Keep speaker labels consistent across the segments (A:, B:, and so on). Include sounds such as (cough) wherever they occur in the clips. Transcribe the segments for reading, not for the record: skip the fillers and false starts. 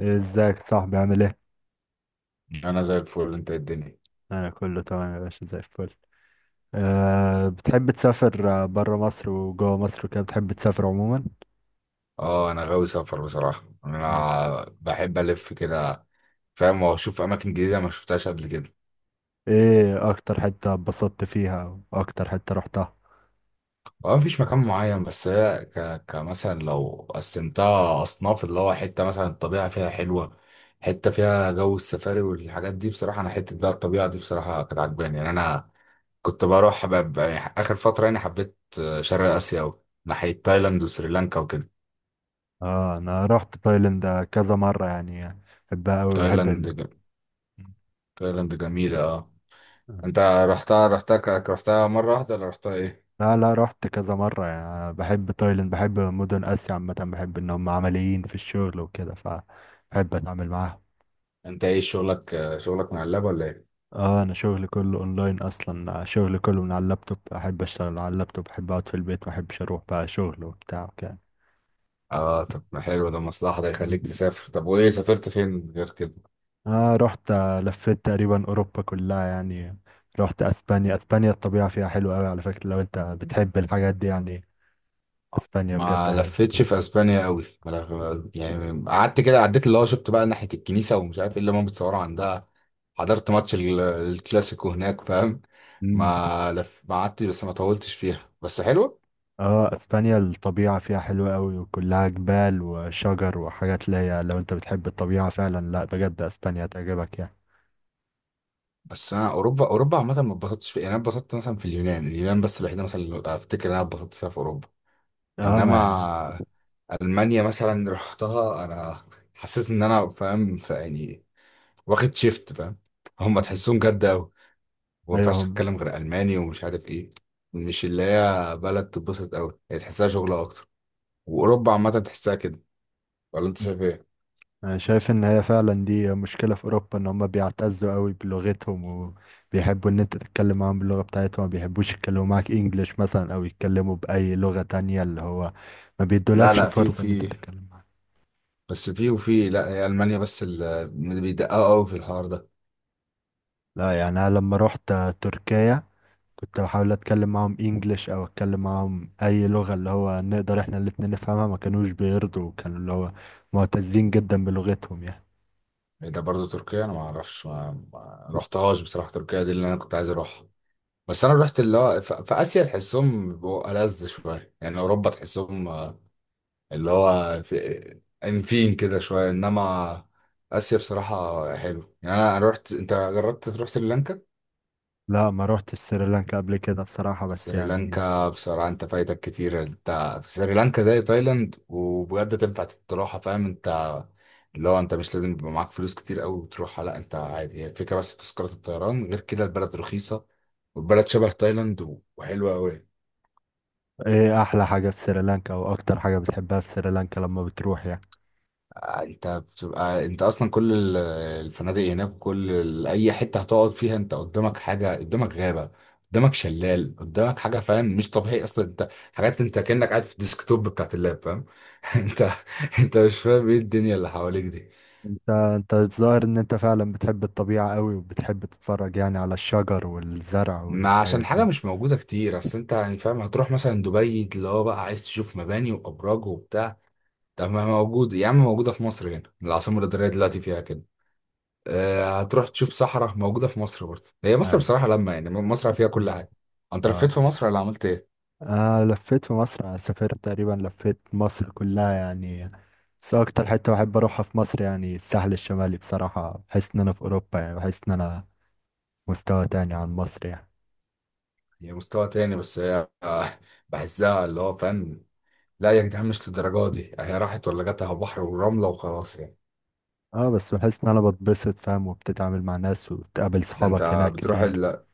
A: ازيك صاحبي؟ عامل ايه؟
B: انا زي الفل. انت إيه الدنيا؟
A: انا كله تمام يا باشا، زي الفل. أه، بتحب تسافر بره مصر وجوه مصر وكده؟ بتحب تسافر عموما؟
B: اه، انا غاوي سفر بصراحه.
A: مم.
B: انا بحب الف كده، فاهم، واشوف اماكن جديده ما شفتهاش قبل كده.
A: ايه اكتر حتة اتبسطت فيها واكتر حتة رحتها؟
B: هو مفيش مكان معين، بس هي كمثلا لو قسمتها اصناف، اللي هو حته مثلا الطبيعه فيها حلوه، حته فيها جو السفاري والحاجات دي. بصراحه انا حته بقى الطبيعه دي بصراحه كانت عجباني. يعني انا كنت بروح يعني اخر فتره يعني حبيت شرق اسيا أوي، ناحيه تايلاند وسريلانكا وكده.
A: اه انا رحت تايلاند كذا مرة يعني، بحبها اوي، بحب
B: تايلاند تايلاند جميله، آه.
A: ال...
B: انت رحتها، رحتها مرة واحدة ولا رحتها ايه؟
A: لا لا، رحت كذا مرة يعني، بحب تايلاند، بحب مدن آسيا عامة، بحب إن هم عمليين في الشغل وكده، فبحب أتعامل معاهم.
B: انت ايه شغلك؟ شغلك مع اللاب ولا ايه؟
A: اه، أنا شغلي كله أونلاين أصلا، شغلي كله من على اللابتوب، أحب أشتغل على اللابتوب، أحب أقعد في البيت، محبش أروح بقى شغل وبتاع وكده.
B: اه، طب ما حلو ده، مصلحة ده
A: مم.
B: يخليك تسافر. طب وايه سافرت فين غير كده؟
A: اه رحت، آه، لفيت تقريبا أوروبا كلها يعني، رحت أسبانيا. أسبانيا الطبيعة فيها حلوة أوي على فكرة، لو أنت بتحب الحاجات دي يعني، أسبانيا بجد
B: ما لفتش في اسبانيا قوي، ما لف... يعني قعدت كده عديت، اللي هو شفت بقى ناحية الكنيسة ومش عارف ايه اللي هم بيتصوروا عندها. حضرت ماتش الكلاسيكو هناك، فاهم.
A: حلوة.
B: ما قعدت، بس ما طولتش فيها، بس حلوة.
A: اه، اسبانيا الطبيعة فيها حلوة قوي، وكلها جبال وشجر وحاجات اللي هي لو انت بتحب الطبيعة فعلا، لا بجد اسبانيا تعجبك يعني.
B: بس انا اوروبا، عامة ما اتبسطتش فيها. يعني انا اتبسطت مثلا في اليونان. بس الوحيدة مثلا اللي افتكر ان انا اتبسطت فيها في اوروبا.
A: اه ما
B: انما المانيا مثلا رحتها انا، حسيت ان انا فاهم، يعني واخد شيفت فاهم، هم تحسهم
A: (laughs)
B: جد قوي، وما
A: ايوه
B: ينفعش
A: هم.
B: تتكلم غير الماني ومش عارف ايه. مش اللي هي بلد تتبسط قوي، هي تحسها شغل اكتر. واوروبا عامه تحسها كده، ولا انت شايف ايه؟
A: انا شايف ان هي فعلا دي مشكلة في اوروبا، ان هم بيعتزوا قوي بلغتهم، وبيحبوا ان انت تتكلم معاهم باللغة بتاعتهم، ما بيحبوش يتكلموا معاك انجليش مثلا او يتكلموا باي لغة تانية، اللي هو ما
B: لا
A: بيدولكش
B: لا، في
A: فرصة ان انت
B: وفي
A: تتكلم معاهم.
B: بس في، لا، هي المانيا بس اللي بيدققوا قوي في الحوار ده.
A: لا يعني انا لما رحت تركيا، كنت بحاول اتكلم معاهم انجليش او اتكلم معاهم اي لغة اللي هو نقدر احنا الاتنين نفهمها، ما كانوش بيرضوا، كانوا اللي هو معتزين جدا بلغتهم يعني.
B: ده برضه تركيا انا ما اعرفش، ما رحتهاش بصراحه. تركيا دي اللي انا كنت عايز اروحها، بس انا رحت اللي هو في اسيا. تحسهم بيبقوا ألذ شويه. يعني اوروبا تحسهم اللي هو في انفين كده شويه، انما اسيا بصراحه حلو. يعني أنا رحت. انت جربت تروح سريلانكا؟
A: لا، ما روحت سريلانكا قبل كده بصراحة، بس يعني،
B: سريلانكا بصراحه انت فايتك كتير. انت في سريلانكا زي تايلاند، وبجد تنفع تروحها فاهم. انت اللي هو انت مش لازم يبقى معاك فلوس كتير قوي وتروحها، لا انت عادي. هي الفكره بس في تذكره الطيران، غير كده البلد رخيصه، والبلد شبه تايلاند وحلوه قوي.
A: ايه احلى حاجة في سريلانكا او اكتر حاجة بتحبها في سريلانكا لما بتروح يعني؟
B: انت بتبقى، انت اصلا كل الفنادق هناك، كل اي حته هتقعد فيها انت قدامك حاجه، قدامك غابه، قدامك شلال، قدامك حاجه فاهم. مش طبيعي اصلا، انت حاجات انت كانك قاعد في الديسكتوب بتاعت اللاب، فاهم؟ (laughs) انت انت مش فاهم ايه الدنيا اللي حواليك دي.
A: انت انت الظاهر ان انت فعلا بتحب الطبيعة قوي، وبتحب تتفرج يعني على الشجر والزرع
B: ما عشان
A: والحاجات
B: حاجه
A: دي.
B: مش موجوده كتير. اصل انت يعني فاهم هتروح مثلا دبي اللي هو بقى عايز تشوف مباني وابراج وبتاع، طب ما موجود يا عم، موجوده في مصر هنا، العاصمه الاداريه دلوقتي فيها كده. هتروح تشوف صحراء، موجودة في مصر برضه. هي مصر
A: اي.
B: بصراحة لما يعني مصر فيها كل
A: مم.
B: حاجة. انت لفيت
A: اه،
B: في مصر ولا عملت ايه؟
A: آه لفيت في مصر، أنا سافرت تقريبا لفيت مصر كلها يعني، بس أكتر حتة بحب أروحها في مصر يعني الساحل الشمالي، بصراحة بحس إن أنا في أوروبا، يعني بحس إن أنا مستوى تاني عن مصر يعني.
B: هي مستوى تاني، بس هي (laughs) آه، بحسها اللي هو فاهم، لا يا جدعان مش للدرجة دي. هي راحت ولا جت على بحر ورملة وخلاص يعني.
A: اه، بس بحس إن أنا بتبسط فاهم، وبتتعامل مع ناس، وبتقابل
B: ده انت
A: صحابك هناك
B: بتروح
A: كتير.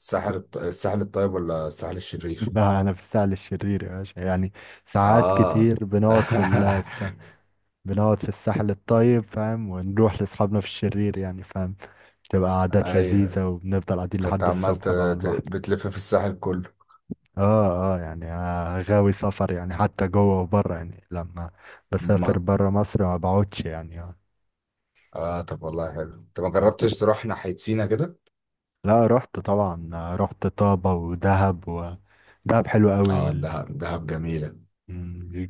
B: الساحل الساحل الطيب ولا الساحل
A: (laughs)
B: الشرير؟
A: لا، أنا في الساحل الشرير يا باشا يعني، ساعات
B: اه
A: كتير بنقعد
B: (laughs)
A: في بنقعد في الساحل الطيب فاهم، ونروح لأصحابنا في الشرير يعني فاهم، تبقى عادات
B: ايوه.
A: لذيذة، وبنفضل قاعدين
B: فانت
A: لحد
B: عمال
A: الصبح بقى على البحر.
B: بتلف في الساحل كله.
A: اه اه يعني، آه، غاوي سفر يعني، حتى جوه وبره يعني، لما بسافر
B: ما-
A: بره مصر ما بقعدش يعني، آه.
B: اه، طب والله حلو. انت ما
A: م.
B: جربتش تروح ناحية سينا كده؟
A: لا، رحت طبعا، آه، رحت طابة ودهب دهب حلو قوي،
B: اه، دهب دهب جميلة.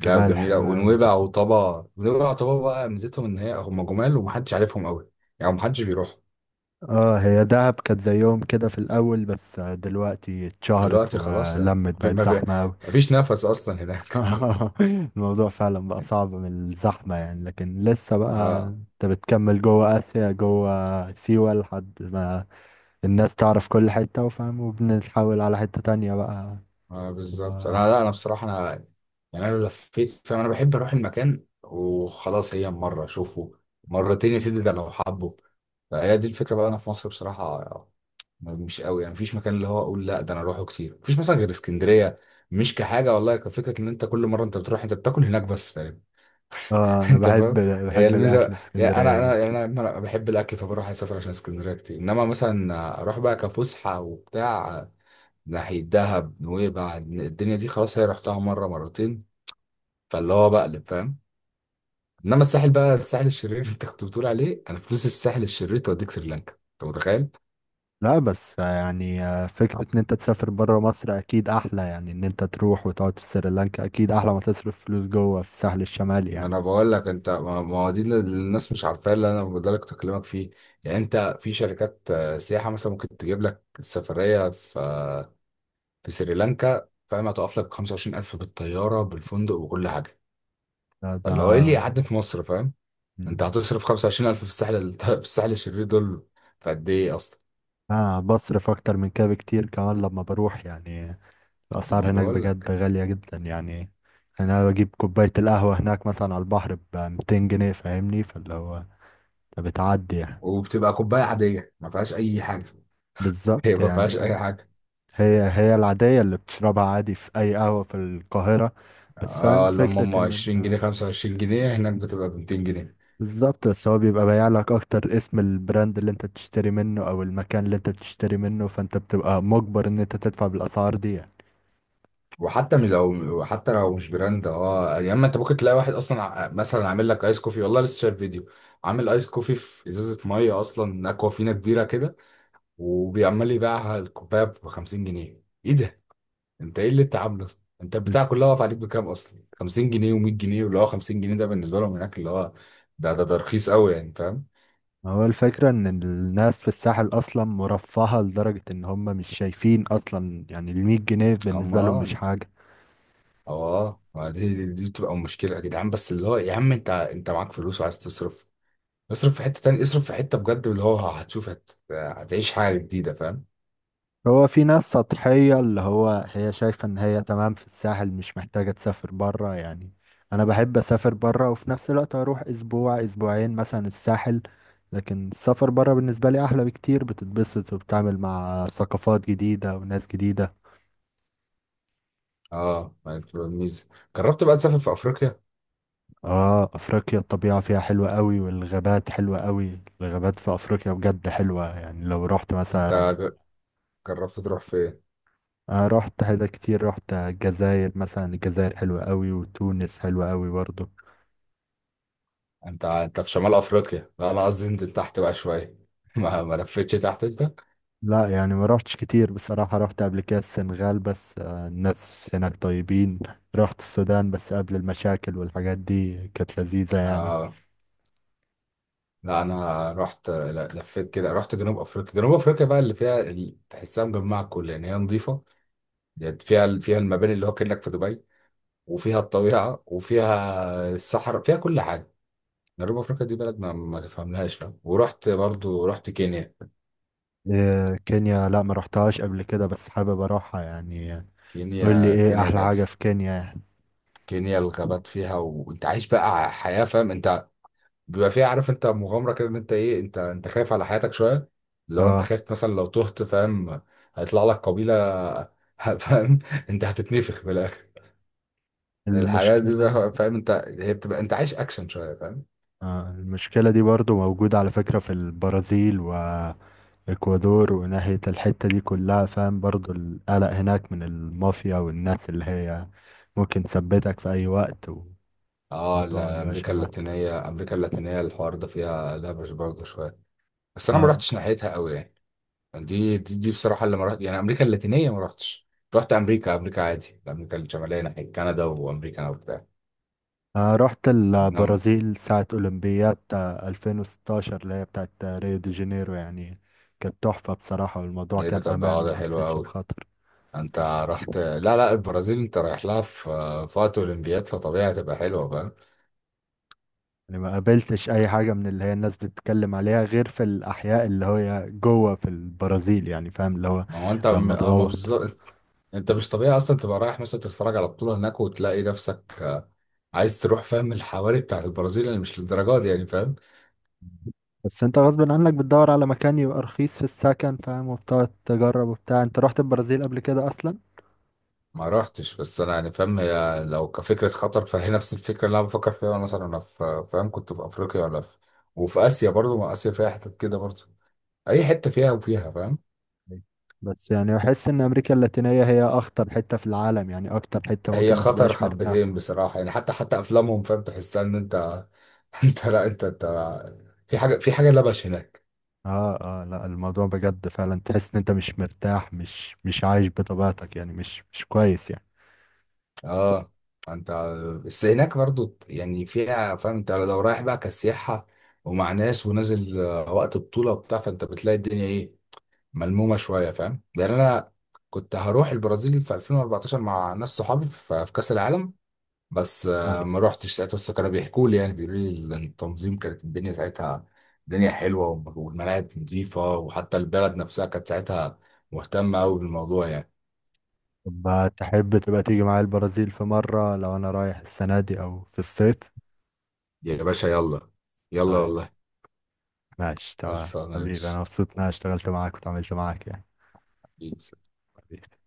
B: دهب جميلة
A: حلوة قوي.
B: ونويبع وطابا. بقى ميزتهم إن هي هم جمال ومحدش عارفهم أوي. يعني محدش بيروح.
A: اه، هي دهب كانت زي يوم كده في الاول، بس آه، دلوقتي اتشهرت
B: دلوقتي خلاص يعني.
A: ولمت، بقت
B: ما في-
A: زحمة قوي.
B: ما فيش نفس أصلا هناك.
A: (laughs) الموضوع فعلا بقى
B: (laughs)
A: صعب من الزحمة يعني، لكن لسه بقى
B: اه
A: انت بتكمل جوه اسيا، جوه سيوة، لحد ما الناس تعرف كل حتة وفاهم، وبنتحول على حتة تانية بقى،
B: اه، بالظبط.
A: تبقى
B: أنا
A: أحلى.
B: لا، أنا بصراحة أنا يعني، أنا لو لفيت فاهم أنا بحب أروح المكان وخلاص. هي مرة أشوفه، مرتين يا سيدي، ده لو حبه. فهي دي الفكرة بقى. أنا في مصر بصراحة مش قوي، يعني مفيش مكان اللي هو اقول لا ده انا اروحه كتير. مفيش مثلا غير اسكندريه، مش كحاجه والله، كفكره ان انت كل مره انت بتروح انت بتاكل هناك بس تقريبا.
A: اه
B: (laughs)
A: انا
B: انت
A: بحب،
B: فاهم، هي
A: بحب
B: الميزه.
A: الاكل في
B: يعني
A: اسكندرية
B: انا،
A: جدا.
B: أنا بحب الاكل، فبروح اسافر عشان اسكندريه كتير. انما مثلا اروح بقى كفسحه وبتاع ناحيه دهب نويبع، الدنيا دي خلاص هي رحتها مره مرتين، فاللي هو بقلب فاهم. انما الساحل بقى، الساحل الشرير اللي انت كنت بتقول عليه، انا فلوس الساحل الشرير توديك سريلانكا، انت متخيل؟
A: لا، بس يعني آه، فكرة ان انت تسافر برا مصر اكيد احلى يعني، ان انت تروح وتقعد في سريلانكا اكيد احلى ما تصرف فلوس جوه في الساحل الشمالي
B: ما
A: يعني.
B: انا بقول لك، انت ما، هو دي اللي الناس مش عارفاه اللي انا بقدر اكلمك فيه. يعني انت في شركات سياحه مثلا ممكن تجيب لك سفريه في، سريلانكا فاهم، هتقف لك 25000 بالطياره بالفندق وكل حاجه.
A: لا ده
B: فاللي هو ايه اللي
A: انا.
B: يقعد في مصر فاهم؟
A: مم.
B: انت هتصرف 25000 في الساحل، (laughs) في الساحل الشرير دول في قد ايه اصلا.
A: انا بصرف اكتر من كده بكتير كمان لما بروح يعني،
B: ما
A: الاسعار هناك
B: بقول
A: بجد
B: لك.
A: غالية جدا يعني. انا بجيب كوباية القهوة هناك مثلا على البحر ب 200 جنيه فاهمني، فاللي هو فبتعدي يعني.
B: وبتبقى كوبايه عاديه ما فيهاش اي حاجه. (laughs) هي
A: بالظبط
B: ما فيهاش
A: يعني،
B: اي
A: آه.
B: حاجه.
A: هي هي العادية اللي بتشربها عادي في أي قهوة في القاهرة. بس فاهم
B: اه، لما
A: فكرة
B: هم
A: إن
B: 20 جنيه
A: أنت،
B: 25 جنيه، هناك بتبقى ب 200 جنيه.
A: بالظبط، بس هو بيبقى بايع لك أكتر اسم البراند اللي أنت بتشتري منه أو المكان اللي أنت بتشتري منه، فأنت بتبقى مجبر إن أنت تدفع بالأسعار دي يعني.
B: وحتى لو مش براند. اه يا اما انت ممكن تلاقي واحد اصلا مثلا عامل لك ايس كوفي. والله لسه شايف فيديو، عامل ايس كوفي في ازازه ميه اصلا، اكوافينا كبيره كده، وبيعمل يبيعها الكوبايه ب 50 جنيه. ايه ده، انت ايه اللي انت عامله ده؟ انت البتاع
A: الف-
B: كلها واقف عليك بكام اصلا؟ 50 جنيه و100 جنيه، واللي هو 50 جنيه ده بالنسبه لهم هناك اللي هو ده رخيص قوي يعني فاهم.
A: هو الفكرة إن الناس في الساحل أصلا مرفهة لدرجة إن هم مش شايفين أصلا، يعني المية جنيه بالنسبة لهم
B: اما
A: مش حاجة.
B: اه، ما دي بتبقى مشكله يا جدعان. بس اللي هو يا عم انت، معاك فلوس وعايز تصرف، اصرف في حتة تانية، اصرف في حتة بجد اللي هو هتشوف، هتعيش حاجة جديدة فاهم.
A: هو في ناس سطحية، اللي هو هي شايفة ان هي تمام في الساحل، مش محتاجة تسافر برا يعني. انا بحب اسافر برا، وفي نفس الوقت اروح اسبوع اسبوعين مثلا الساحل، لكن السفر برا بالنسبة لي احلى بكتير، بتتبسط، وبتعمل مع ثقافات جديدة وناس جديدة.
B: اه ما بتبقى الميزة. جربت بقى تسافر في افريقيا؟
A: اه، افريقيا الطبيعة فيها حلوة قوي، والغابات حلوة قوي، الغابات في افريقيا بجد حلوة يعني لو رحت
B: انت
A: مثلا.
B: ج- جربت تروح فين؟
A: انا رحت حاجة كتير، رحت الجزائر مثلا، الجزائر حلوة قوي، وتونس حلوة قوي برضه.
B: انت، في شمال افريقيا. لا انا قصدي انزل تحت بقى شوية. (laughs) ما لفتش تحت انت.
A: لا يعني، ما روحتش كتير بصراحة، روحت قبل كده السنغال بس، آه، الناس هناك طيبين. روحت السودان بس قبل المشاكل والحاجات دي، كانت لذيذة يعني.
B: اه لا، انا رحت، لا لفيت كده، رحت جنوب افريقيا. جنوب افريقيا بقى اللي فيها اللي تحسها مجمعة كل، يعني هي نظيفة، يعني فيها، المباني اللي هو كأنك في دبي، وفيها الطبيعة وفيها الصحراء، فيها كل حاجة. جنوب افريقيا دي بلد ما تفهملهاش فاهم. ورحت برضو، رحت كينيا
A: آه، كينيا، لا ما روحتهاش قبل كده، بس حابب اروحها يعني. قول لي
B: كينيا
A: ايه
B: كينيا
A: احلى
B: كانت.
A: حاجة في كينيا يعني؟
B: كينيا الغابات فيها، وانت عايش بقى حياة فاهم. انت بيبقى فيها، عارف انت، مغامرة كده، ان انت ايه، انت، خايف على حياتك شوية، لو انت
A: اه
B: خايف مثلا، لو تهت فاهم هيطلع لك قبيلة. (laughs) فاهم انت، هتتنفخ في الاخر. الحاجات دي
A: المشكلة دي.
B: بقى فاهم انت، هي بتبقى انت عايش اكشن شوية فاهم.
A: آه المشكلة دي برضو موجودة على فكرة في البرازيل واكوادور، وناحية الحتة دي كلها فاهم، برضو القلق هناك من المافيا والناس اللي هي ممكن تثبتك في اي وقت.
B: اه
A: الموضوع ما
B: لا،
A: بيبقاش
B: امريكا
A: أمان.
B: اللاتينية، الحوار ده فيها لبش برضه شوية. بس انا ما
A: آه.
B: رحتش ناحيتها قوي يعني. دي، بصراحة اللي ما رحت، يعني أمريكا اللاتينية ما رحتش. رحت أمريكا، عادي، أمريكا الشمالية ناحية كندا وأمريكا أنا وبتاع.
A: آه رحت
B: نعم؟
A: البرازيل ساعة أولمبياد، آه، 2016 اللي هي بتاعت آه، ريو دي جانيرو يعني. كانت تحفة بصراحة، والموضوع
B: إيه ده،
A: كان
B: طب
A: أمان، ما
B: ده حلو
A: حسيتش
B: أوي.
A: بخطر.
B: أنت رحت، لا لا، البرازيل أنت رايح لها في، وقت أولمبياد، فطبيعي هتبقى حلوة فاهم.
A: يعني ما قابلتش أي حاجة من اللي هي الناس بتتكلم عليها، غير في الأحياء اللي هي جوه في البرازيل يعني فاهم، اللي هو
B: ما هو أنت
A: لما
B: ما
A: تغوط.
B: بالظبط. أنت مش طبيعي أصلا تبقى رايح مثلا تتفرج على بطولة هناك، وتلاقي نفسك عايز تروح فاهم الحواري بتاعت البرازيل اللي مش للدرجة دي يعني فاهم.
A: بس انت غصب عنك بتدور على مكان يبقى رخيص في السكن فاهم، وبتقعد تجرب وبتاع. انت رحت البرازيل قبل كده أصلا؟
B: ما رحتش، بس انا يعني فاهم هي لو كفكره خطر، فهي نفس الفكره اللي انا بفكر فيها. وانا مثلا انا في فاهم كنت في افريقيا، ولا في اسيا برضو، ما اسيا فيها حتت كده برضو، اي حته فيها فاهم.
A: بس يعني بحس ان امريكا اللاتينية هي اخطر حتة في العالم يعني، اكتر حتة
B: هي
A: ممكن ما
B: خطر
A: تبقاش مرتاح.
B: حبتين بصراحه. يعني حتى افلامهم فاهم تحسها ان انت (laughs) انت لا، انت في حاجه، لبش هناك.
A: اه اه، لا الموضوع بجد فعلا تحس ان انت مش مرتاح، مش عايش بطبيعتك يعني، مش كويس يعني.
B: اه انت، بس هناك برضو يعني فيها فاهم انت لو رايح بقى كسياحه، ومع ناس ونازل وقت بطوله وبتاع، فانت بتلاقي الدنيا ايه، ملمومه شويه فاهم. لان انا كنت هروح البرازيل في 2014 مع ناس صحابي في، كاس العالم، بس
A: أيوة.
B: ما روحتش ساعتها. بس كانوا بيحكوا لي، يعني بيقولوا لي إن التنظيم كانت الدنيا ساعتها، الدنيا حلوه، والملاعب نظيفه، وحتى البلد نفسها كانت ساعتها مهتمه قوي بالموضوع يعني.
A: طب تحب تبقى تيجي معايا البرازيل في مرة لو انا رايح السنة دي او في الصيف؟
B: يا باشا يلا، يلا
A: طيب،
B: والله.
A: ماشي تمام
B: خلصانه يا
A: حبيبي،
B: باشا.
A: انا مبسوط ان انا اشتغلت معاك وتعاملت معاك يعني. حبيبي.